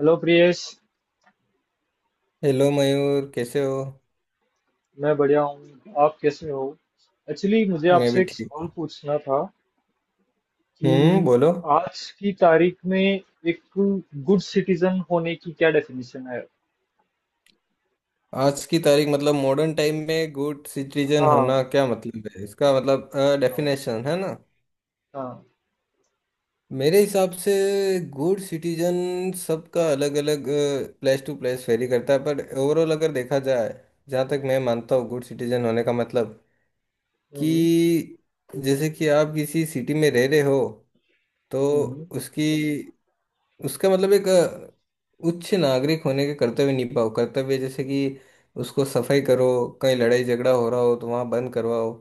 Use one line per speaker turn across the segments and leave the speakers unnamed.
Hello Priyesh.
Hello Mayur, कैसे हो?
मैं बढ़िया हूँ। आप कैसे हो? एक्चुअली मुझे
मैं
आपसे
भी
एक
ठीक
सवाल
हूँ।
पूछना था
हम्म,
कि
बोलो।
आज की तारीख में एक गुड सिटीजन होने की क्या डेफिनेशन है?
आज की तारीख, मतलब मॉडर्न टाइम में गुड सिटीजन
हाँ,
होना, क्या मतलब है इसका? मतलब
हाँ,
डेफिनेशन, है ना?
हाँ।
मेरे हिसाब से गुड सिटीजन सबका अलग अलग, प्लेस टू प्लेस वेरी करता है। पर ओवरऑल अगर देखा जाए, जहाँ तक मैं मानता हूँ, गुड सिटीजन होने का मतलब
हम्म,
कि जैसे कि आप किसी सिटी में रह रहे हो, तो
हम्म,
उसकी, उसका मतलब एक उच्च नागरिक होने के कर्तव्य निभाओ। कर्तव्य, जैसे कि उसको सफाई करो, कहीं लड़ाई झगड़ा हो रहा हो तो वहाँ बंद करवाओ,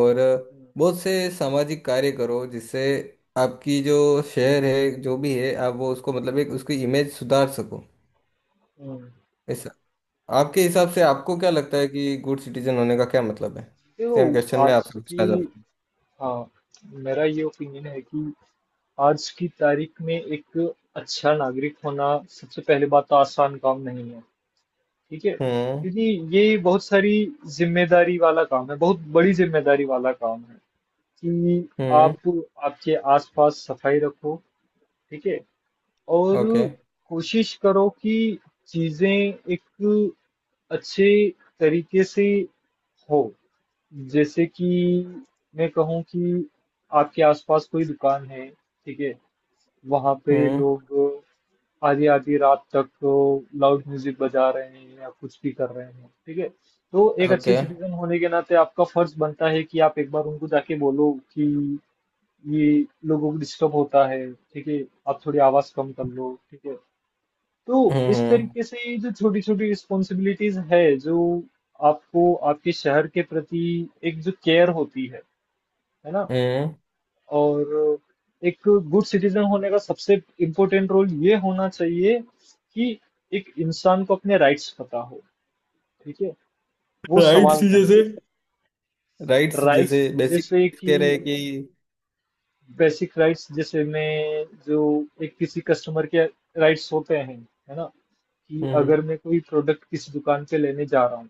और
हम्म,
बहुत से सामाजिक कार्य करो, जिससे आपकी जो शहर है जो भी है, आप वो उसको, मतलब एक उसकी इमेज सुधार सको,
हम्म,
ऐसा। आपके हिसाब से आपको
ओके।
क्या लगता है कि गुड सिटीजन होने का क्या मतलब है? सेम
देखो।
क्वेश्चन मैं
आज
आपसे
की
पूछना चाहता हूँ।
हाँ, मेरा ये ओपिनियन है कि आज की तारीख में एक अच्छा नागरिक होना, सबसे पहले बात तो आसान काम नहीं है। ठीक है,
हम्म,
क्योंकि ये बहुत सारी जिम्मेदारी वाला काम है, बहुत बड़ी जिम्मेदारी वाला काम है कि
हम्म।
आप आपके आसपास सफाई रखो। ठीक है। और
ओके।
कोशिश करो कि चीजें एक अच्छे तरीके से हो। जैसे कि मैं कहूँ कि आपके आसपास कोई दुकान है, ठीक है, वहां पे
हम्म।
लोग आधी आधी रात तक लाउड म्यूजिक बजा रहे हैं या कुछ भी कर रहे हैं, ठीक है, तो एक अच्छे
ओके।
सिटीजन होने के नाते आपका फर्ज बनता है कि आप एक बार उनको जाके बोलो कि ये लोगों को डिस्टर्ब होता है। ठीक है, आप थोड़ी आवाज कम कर लो। ठीक है। तो इस
हम्म,
तरीके से ये जो छोटी छोटी रिस्पॉन्सिबिलिटीज है, जो आपको आपके शहर के प्रति एक जो केयर होती है ना।
हम्म।
और एक गुड सिटीजन होने का सबसे इम्पोर्टेंट रोल ये होना चाहिए कि एक इंसान को अपने राइट्स पता हो। ठीक है, वो
राइट
सवाल
चीजें।
करे।
राइट्स
राइट्स
जैसे बेसिक,
जैसे कि
कह रहे हैं कि।
बेसिक राइट्स, जैसे में जो एक किसी कस्टमर के राइट्स होते हैं, है ना, कि अगर
हम्म।
मैं कोई प्रोडक्ट किसी दुकान पे लेने जा रहा हूँ,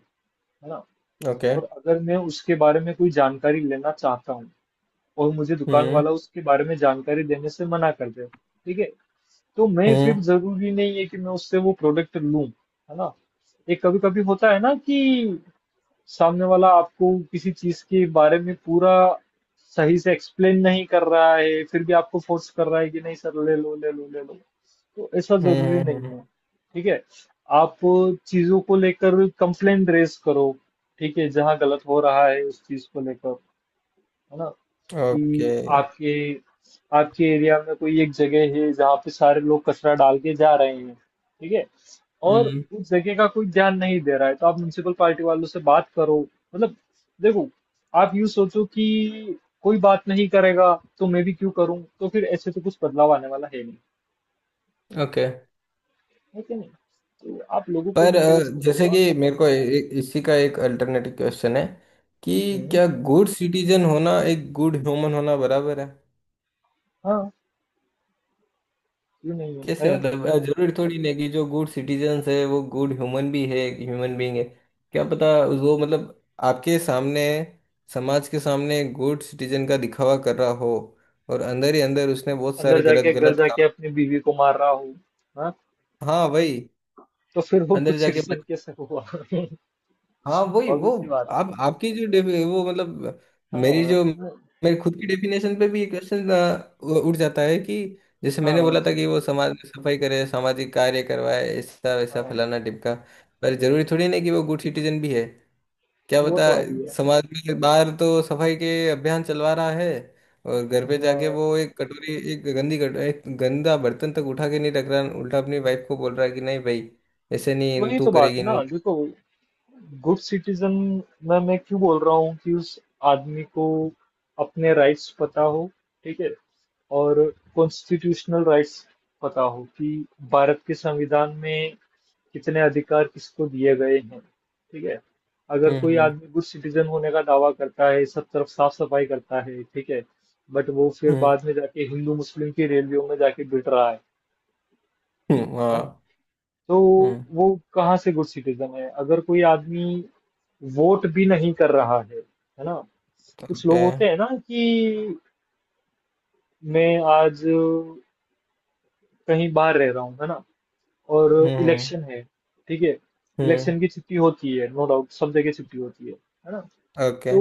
है ना,
ओके।
और अगर मैं उसके बारे में कोई जानकारी लेना चाहता हूँ, और मुझे दुकान
हम्म,
वाला उसके बारे में जानकारी देने से मना कर दे, ठीक है, तो मैं
हम्म,
फिर जरूरी नहीं है कि मैं उससे वो प्रोडक्ट लूं, है ना। एक कभी कभी होता है ना कि सामने वाला आपको किसी चीज के बारे में पूरा सही से एक्सप्लेन नहीं कर रहा है, फिर भी आपको फोर्स कर रहा है कि नहीं सर, ले लो, ले लो, ले लो। तो ऐसा जरूरी नहीं
हम्म।
है। ठीक है, आप चीजों को लेकर कंप्लेंट रेज करो। ठीक है, जहां गलत हो रहा है उस चीज को लेकर, है ना,
ओके।
कि आपके आपके एरिया में कोई एक जगह है जहाँ पे सारे लोग कचरा डाल के जा रहे हैं, ठीक है, और
हम्म।
उस जगह का कोई ध्यान नहीं दे रहा है, तो आप म्युनिसिपल पार्टी वालों से बात करो। मतलब देखो, आप यूं सोचो कि कोई बात नहीं करेगा तो मैं भी क्यों करूं, तो फिर ऐसे तो कुछ बदलाव आने वाला है नहीं।
ओके।
है कि नहीं? तो आप लोगों को
पर
इनकरेज करो।
जैसे
आप
कि मेरे को इसी का एक अल्टरनेटिव क्वेश्चन है कि
हम्म,
क्या गुड सिटीजन होना एक गुड ह्यूमन होना बराबर है?
हाँ। क्यों नहीं है।
कैसे मतलब? जरूरी थोड़ी ना कि जो गुड सिटीजन्स है वो गुड ह्यूमन भी है, ह्यूमन बीइंग है। क्या पता, वो मतलब आपके सामने, समाज के सामने गुड सिटीजन का दिखावा कर रहा हो, और अंदर ही अंदर उसने बहुत सारे
अंदर जाके
गलत
घर
गलत काम।
जाके अपनी बीवी को मार रहा हूँ,
हाँ वही।
तो फिर वो गुड
अंदर जाके,
सिटीजन कैसे हुआ
हाँ वही वो।
ऑब्वियस सी बात है।
आप आपकी जो वो मतलब
हाँ,
मेरी जो मेरे खुद की डेफिनेशन पे भी ये क्वेश्चन उठ जाता है कि जैसे मैंने
हाँ,
बोला था कि वो समाज में सफाई करे, सामाजिक कार्य करवाए, ऐसा वैसा
हाँ।
फलाना टिपका। पर जरूरी थोड़ी नहीं कि वो गुड सिटीजन भी है, क्या
वो
बता।
तो है ही है।
समाज में बाहर तो सफाई के अभियान चलवा रहा है, और घर पे जाके
हाँ,
वो एक कटोरी, एक गंदी कट एक गंदा बर्तन तक उठा के नहीं रख रहा, उल्टा अपनी वाइफ को बोल रहा है कि नहीं भाई, ऐसे नहीं,
वही
तू
तो बात
करेगी
है
नू।
ना। देखो गुड सिटीजन में मैं क्यों बोल रहा हूँ कि उस आदमी को अपने राइट्स पता हो, ठीक है, और कॉन्स्टिट्यूशनल राइट्स पता हो कि भारत के संविधान में कितने अधिकार किसको दिए गए हैं। ठीक है, अगर
हम्म,
कोई
हम्म,
आदमी गुड सिटीजन होने का दावा करता है, सब तरफ साफ सफाई करता है, ठीक है, बट वो फिर
हम्म,
बाद में जाके हिंदू मुस्लिम की रैलियों में जाके भिड़ रहा है है ना,
हाँ,
तो
हम्म।
वो कहाँ से गुड सिटीजन है? अगर कोई आदमी वोट भी नहीं कर रहा है ना। कुछ लोग
ओके।
होते हैं ना कि मैं आज कहीं बाहर रह रहा हूँ, है ना, और
हम्म, हम्म,
इलेक्शन है, ठीक है,
हम्म।
इलेक्शन की छुट्टी होती है, नो डाउट सब जगह छुट्टी होती है ना,
ओके।
तो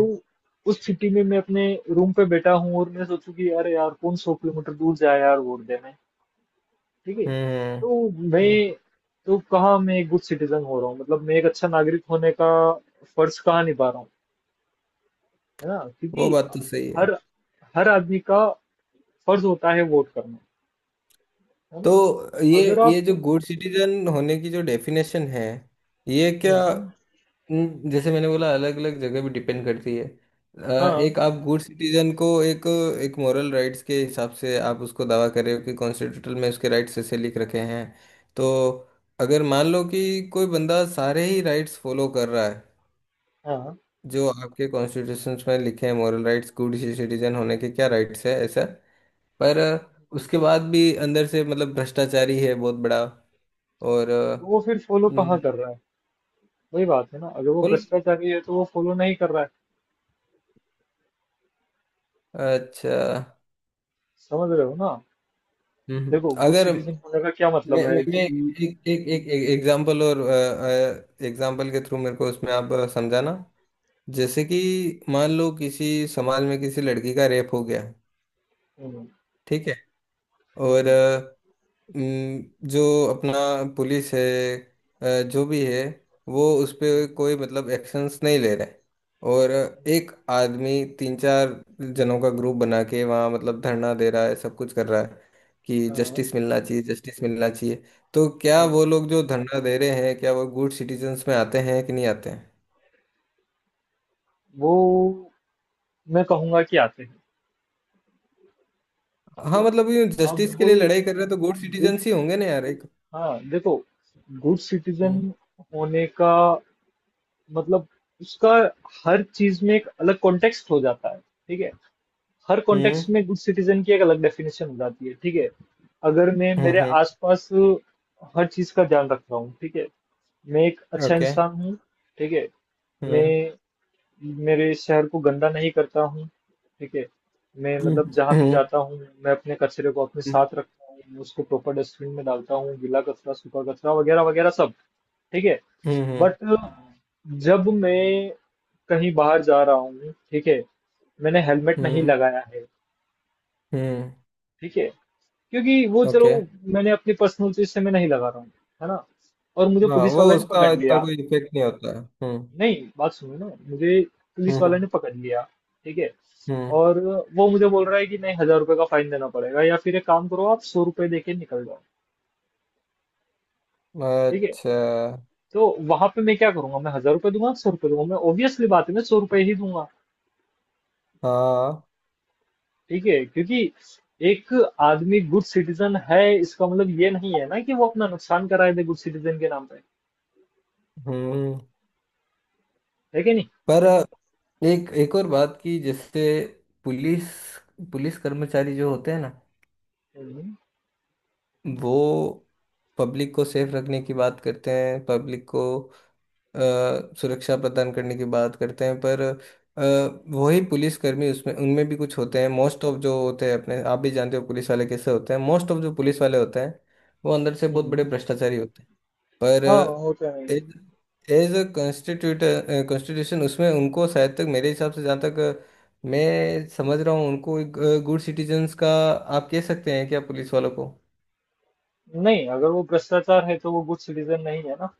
उस छुट्टी में मैं अपने रूम पे बैठा हूँ, और मैं सोचूं कि अरे यार, कौन 100 किलोमीटर दूर जाए यार वोट देने, ठीक है,
हम्म,
तो
हम्म।
मैं तो कहाँ मैं एक गुड सिटीजन हो रहा हूँ? मतलब मैं एक अच्छा नागरिक होने का फर्ज कहाँ निभा रहा हूँ? है ना,
वो
क्योंकि
बात तो सही है।
हर हर आदमी का फर्ज होता है वोट करना, है ना।
तो ये
अगर
ये
आप
जो गुड सिटीजन होने की जो डेफिनेशन है, ये
हम्म,
क्या? जैसे मैंने बोला अलग अलग जगह भी डिपेंड करती है।
हाँ,
एक आप गुड सिटीजन को एक, एक मॉरल राइट्स के हिसाब से आप उसको दावा कर रहे हो कि कॉन्स्टिट्यूशन में उसके राइट्स ऐसे लिख रखे हैं। तो अगर मान लो कि कोई बंदा सारे ही राइट्स फॉलो कर रहा है
हाँ,
जो आपके कॉन्स्टिट्यूशन में लिखे हैं, मॉरल राइट्स, गुड सिटीजन होने के क्या राइट्स है, ऐसा। पर उसके बाद भी अंदर से मतलब भ्रष्टाचारी है बहुत बड़ा, और
तो वो फिर फॉलो कहाँ
हम्म,
कर रहा है? वही बात है ना, अगर वो
बोल।
भ्रष्टाचारी है तो वो फॉलो नहीं कर रहा है।
अच्छा।
समझ रहे हो ना?
हम्म।
देखो गुड
अगर
सिटीजन होने का क्या मतलब
मैं
है
मैं, मैं
कि
एक एक एक एग्जांपल और, एग्जांपल के थ्रू मेरे को उसमें आप समझाना। जैसे कि मान लो किसी समाज में किसी लड़की का रेप हो गया,
हम्म,
ठीक है। और
हम्म,
जो अपना पुलिस है, जो भी है, वो उस पे
हम्म,
कोई मतलब एक्शंस नहीं ले रहे। और एक आदमी तीन चार जनों का ग्रुप बना के वहाँ मतलब धरना दे रहा है, सब कुछ कर रहा है कि
हाँ,
जस्टिस मिलना चाहिए, जस्टिस मिलना चाहिए। तो क्या
हाँ।
वो लोग जो धरना दे रहे हैं, क्या वो गुड सिटीजन्स में आते हैं कि नहीं आते हैं?
वो, मैं कहूंगा कि आते हैं। ठीक
हाँ
है।
मतलब ये
अब
जस्टिस के लिए
गुड
लड़ाई कर रहे हैं, तो गुड सिटीजन्स ही होंगे ना यार, एक।
हाँ, देखो, गुड सिटीजन
हम्म,
होने का मतलब उसका, हर चीज में एक अलग कॉन्टेक्स्ट हो जाता है। ठीक है, हर कॉन्टेक्स्ट
हम्म,
में गुड सिटीजन की एक अलग डेफिनेशन हो जाती है। ठीक है, अगर मैं मेरे
हम्म।
आसपास हर चीज का ध्यान रख रहा हूँ, ठीक है, मैं एक अच्छा
ओके।
इंसान हूँ, ठीक है,
हम्म।
मैं
okay,
मेरे इस शहर को गंदा नहीं करता हूँ, ठीक है। मैं
हम्म,
मतलब जहाँ
हम्म,
भी
हम्म,
जाता हूँ, मैं अपने कचरे को अपने साथ रखता हूँ, मैं उसको प्रॉपर डस्टबिन में डालता हूँ, गीला कचरा, सूखा कचरा वगैरह वगैरह सब, ठीक है।
हम्म, हम्म,
बट जब मैं कहीं बाहर जा रहा हूँ, ठीक है, मैंने हेलमेट नहीं
हम्म,
लगाया है,
हम्म।
ठीक है, क्योंकि वो चलो,
ओके।
मैंने अपनी पर्सनल चीज से मैं नहीं लगा रहा हूँ, है ना। और मुझे
हाँ,
पुलिस
वो
वाले ने
उसका
पकड़
इतना
लिया,
कोई इफेक्ट नहीं होता है। हम्म,
नहीं बात सुनो ना, मुझे पुलिस वाला
हम्म,
ने पकड़ लिया, ठीक है,
हम्म।
और वो मुझे बोल रहा है कि नहीं, 1,000 रुपए का फाइन देना पड़ेगा, या फिर एक काम करो, आप 100 रुपए देके निकल जाओ। ठीक है,
अच्छा।
तो वहां पे मैं क्या करूंगा? मैं 1,000 रुपए दूंगा, 100 रुपए दूंगा? मैं ऑब्वियसली बात है, मैं 100 रुपए ही दूंगा।
हाँ,
ठीक है, क्योंकि एक आदमी गुड सिटीजन है इसका मतलब ये नहीं है ना कि वो अपना नुकसान कराए दे गुड सिटीजन के नाम पे।
हम्म।
है कि नहीं?
पर एक, एक और बात की, जैसे पुलिस पुलिस कर्मचारी जो होते हैं ना,
हम्म,
वो पब्लिक को सेफ रखने की बात करते हैं, पब्लिक को अ, सुरक्षा प्रदान करने की बात करते हैं, पर वही पुलिसकर्मी उसमें, उनमें भी कुछ होते हैं, मोस्ट ऑफ जो होते हैं, अपने आप भी जानते हो पुलिस वाले कैसे होते हैं, मोस्ट ऑफ जो पुलिस वाले होते हैं, वो अंदर से बहुत बड़े
हम्म,
भ्रष्टाचारी होते हैं। पर
हाँ, होता है।
As as a constitute constitution उसमें उनको, शायद तक मेरे हिसाब से, जहाँ तक मैं समझ रहा हूँ, उनको एक गुड सिटीजन्स का आप कह सकते हैं क्या, पुलिस वालों को?
नहीं, अगर वो भ्रष्टाचार है तो वो गुड सिटीजन नहीं है ना,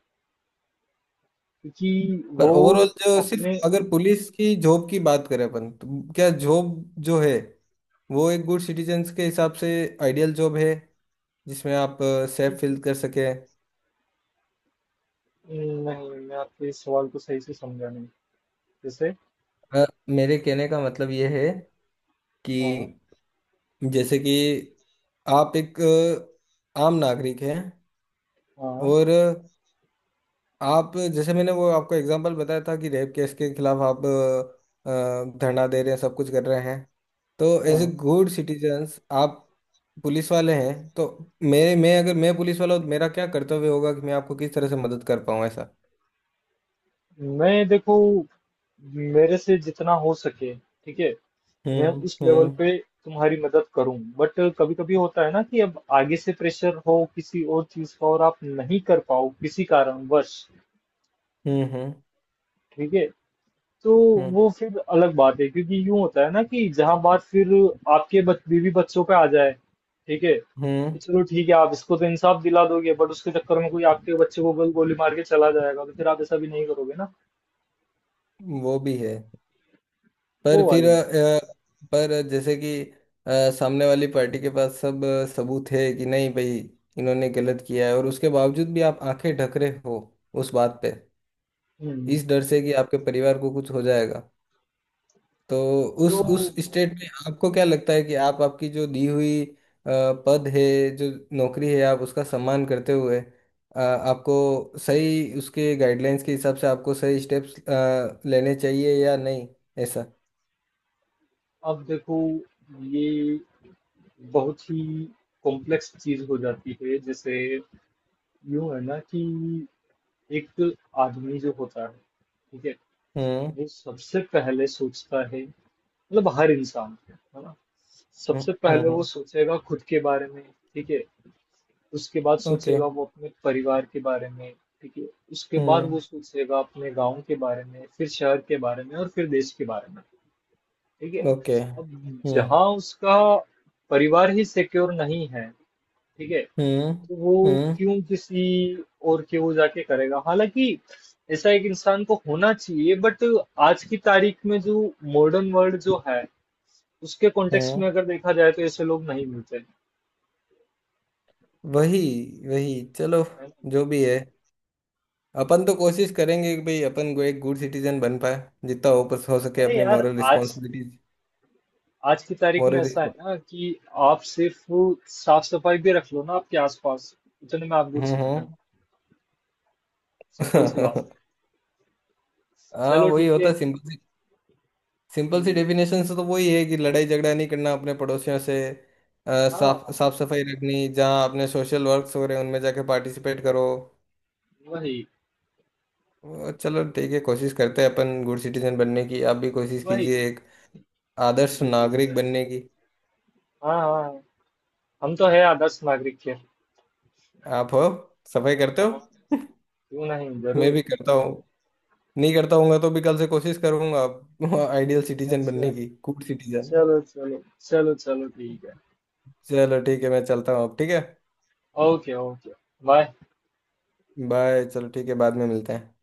क्योंकि
पर
वो
ओवरऑल जो सिर्फ
अपने
अगर पुलिस की जॉब की बात करें अपन, तो क्या जॉब जो है, वो एक गुड सिटीजन्स के हिसाब से आइडियल जॉब है, जिसमें आप सेफ फील कर सके।
नहीं, मैं आपके इस सवाल को सही से समझा नहीं। जैसे
मेरे कहने का मतलब ये है
हाँ,
कि जैसे कि आप एक आम नागरिक हैं,
हाँ,
और आप जैसे मैंने वो आपको एग्जांपल बताया था कि रेप केस के खिलाफ आप धरना दे रहे हैं, सब कुछ कर रहे हैं, तो एज ए
हाँ,
गुड सिटीजन्स आप पुलिस वाले हैं, तो मेरे मैं अगर मैं पुलिस वाला हूँ तो मेरा क्या कर्तव्य होगा कि मैं आपको किस तरह से मदद कर पाऊँ, ऐसा।
मैं देखो मेरे से जितना हो सके, ठीक है, मैं
हम्म,
उस लेवल
हम्म,
पे तुम्हारी मदद करूं, बट कभी कभी होता है ना कि अब आगे से प्रेशर हो किसी और चीज का और आप नहीं कर पाओ किसी कारणवश,
हम्म, हम्म,
ठीक है, तो
हम्म,
वो फिर अलग बात है, क्योंकि यूं होता है ना कि जहां बात फिर आपके बीवी बच्चों पे आ जाए, ठीक है,
हम्म।
कि चलो ठीक है आप इसको तो इंसाफ दिला दोगे, बट उसके चक्कर में कोई आपके बच्चे को गोली मार के चला जाएगा, तो फिर आप ऐसा भी नहीं करोगे ना।
वो भी है, पर
वो
फिर
वाली बात है।
अ, पर जैसे कि सामने वाली पार्टी के पास सब सबूत है कि नहीं भाई, इन्होंने गलत किया है, और उसके बावजूद भी आप आंखें ढक रहे हो उस बात पे,
हम्म
इस डर से कि आपके परिवार को कुछ हो जाएगा। तो
तो
उस स्टेट में आपको क्या लगता है कि आप आपकी जो दी हुई पद है, जो नौकरी है, आप उसका सम्मान करते हुए आपको सही उसके गाइडलाइंस के हिसाब से आपको सही स्टेप्स लेने चाहिए या नहीं, ऐसा?
अब देखो, ये बहुत ही कॉम्प्लेक्स चीज हो जाती है। जैसे यूं है ना कि एक आदमी जो होता है, ठीक है,
हम्म,
ये सबसे पहले सोचता है, मतलब हर इंसान है ना,
हम्म,
सबसे
हम्म,
पहले वो सोचेगा खुद के बारे में, ठीक है, उसके बाद
ओके।
सोचेगा वो अपने परिवार के बारे में, ठीक है, उसके बाद
हम्म।
वो सोचेगा अपने गांव के बारे में, फिर शहर के बारे में, और फिर देश के बारे में। ठीक है,
ओके।
अब
हम्म,
जहां उसका परिवार ही सिक्योर नहीं है, ठीक है,
हम्म,
तो वो
हम्म,
क्यों किसी और के वो जाके करेगा? हालांकि ऐसा एक इंसान को होना चाहिए, बट आज की तारीख में जो मॉडर्न वर्ल्ड जो है, उसके कॉन्टेक्स्ट
हम्म।
में अगर देखा जाए तो ऐसे लोग नहीं मिलते हैं।
वही, वही, चलो।
है ना?
जो भी है अपन तो कोशिश करेंगे कि भाई अपन को एक गुड सिटीजन बन पाए, जितना हो बस हो सके
अरे
अपनी
यार,
मॉरल
आज
रिस्पॉन्सिबिलिटीज,
आज की तारीख में
मॉरल।
ऐसा है ना कि आप सिर्फ साफ सफाई भी रख लो ना आपके आसपास, उतने में आप गुड
हम्म,
सिटीजन।
हम्म।
सिंपल सी बात है।
हाँ
चलो
वही
ठीक है।
होता, सिंपल सी। सिंपल सी
हम्म,
डेफिनेशन से तो वही है कि लड़ाई झगड़ा नहीं करना अपने पड़ोसियों से, साफ
हाँ,
साफ सफाई रखनी, जहाँ अपने सोशल वर्क्स हो रहे हैं उनमें जाके पार्टिसिपेट करो।
वही,
वो चलो ठीक है, कोशिश करते हैं अपन गुड सिटीजन बनने की, आप भी कोशिश
वही।
कीजिए एक आदर्श
जरूर,
नागरिक
जरूर।
बनने की।
हाँ, हाँ। हम तो है आदर्श नागरिक के।
आप हो, सफाई करते हो।
हाँ, क्यों नहीं,
मैं
जरूर।
भी करता हूँ, नहीं करता हूँगा तो भी कल से कोशिश करूंगा, आप आइडियल सिटीजन
अच्छा,
बनने की, गुड सिटीजन।
चलो, चलो, चलो, चलो, ठीक है।
चलो ठीक है मैं चलता हूँ अब, ठीक है।
Okay, okay. बाय।
बाय, चलो ठीक है, बाद में मिलते हैं।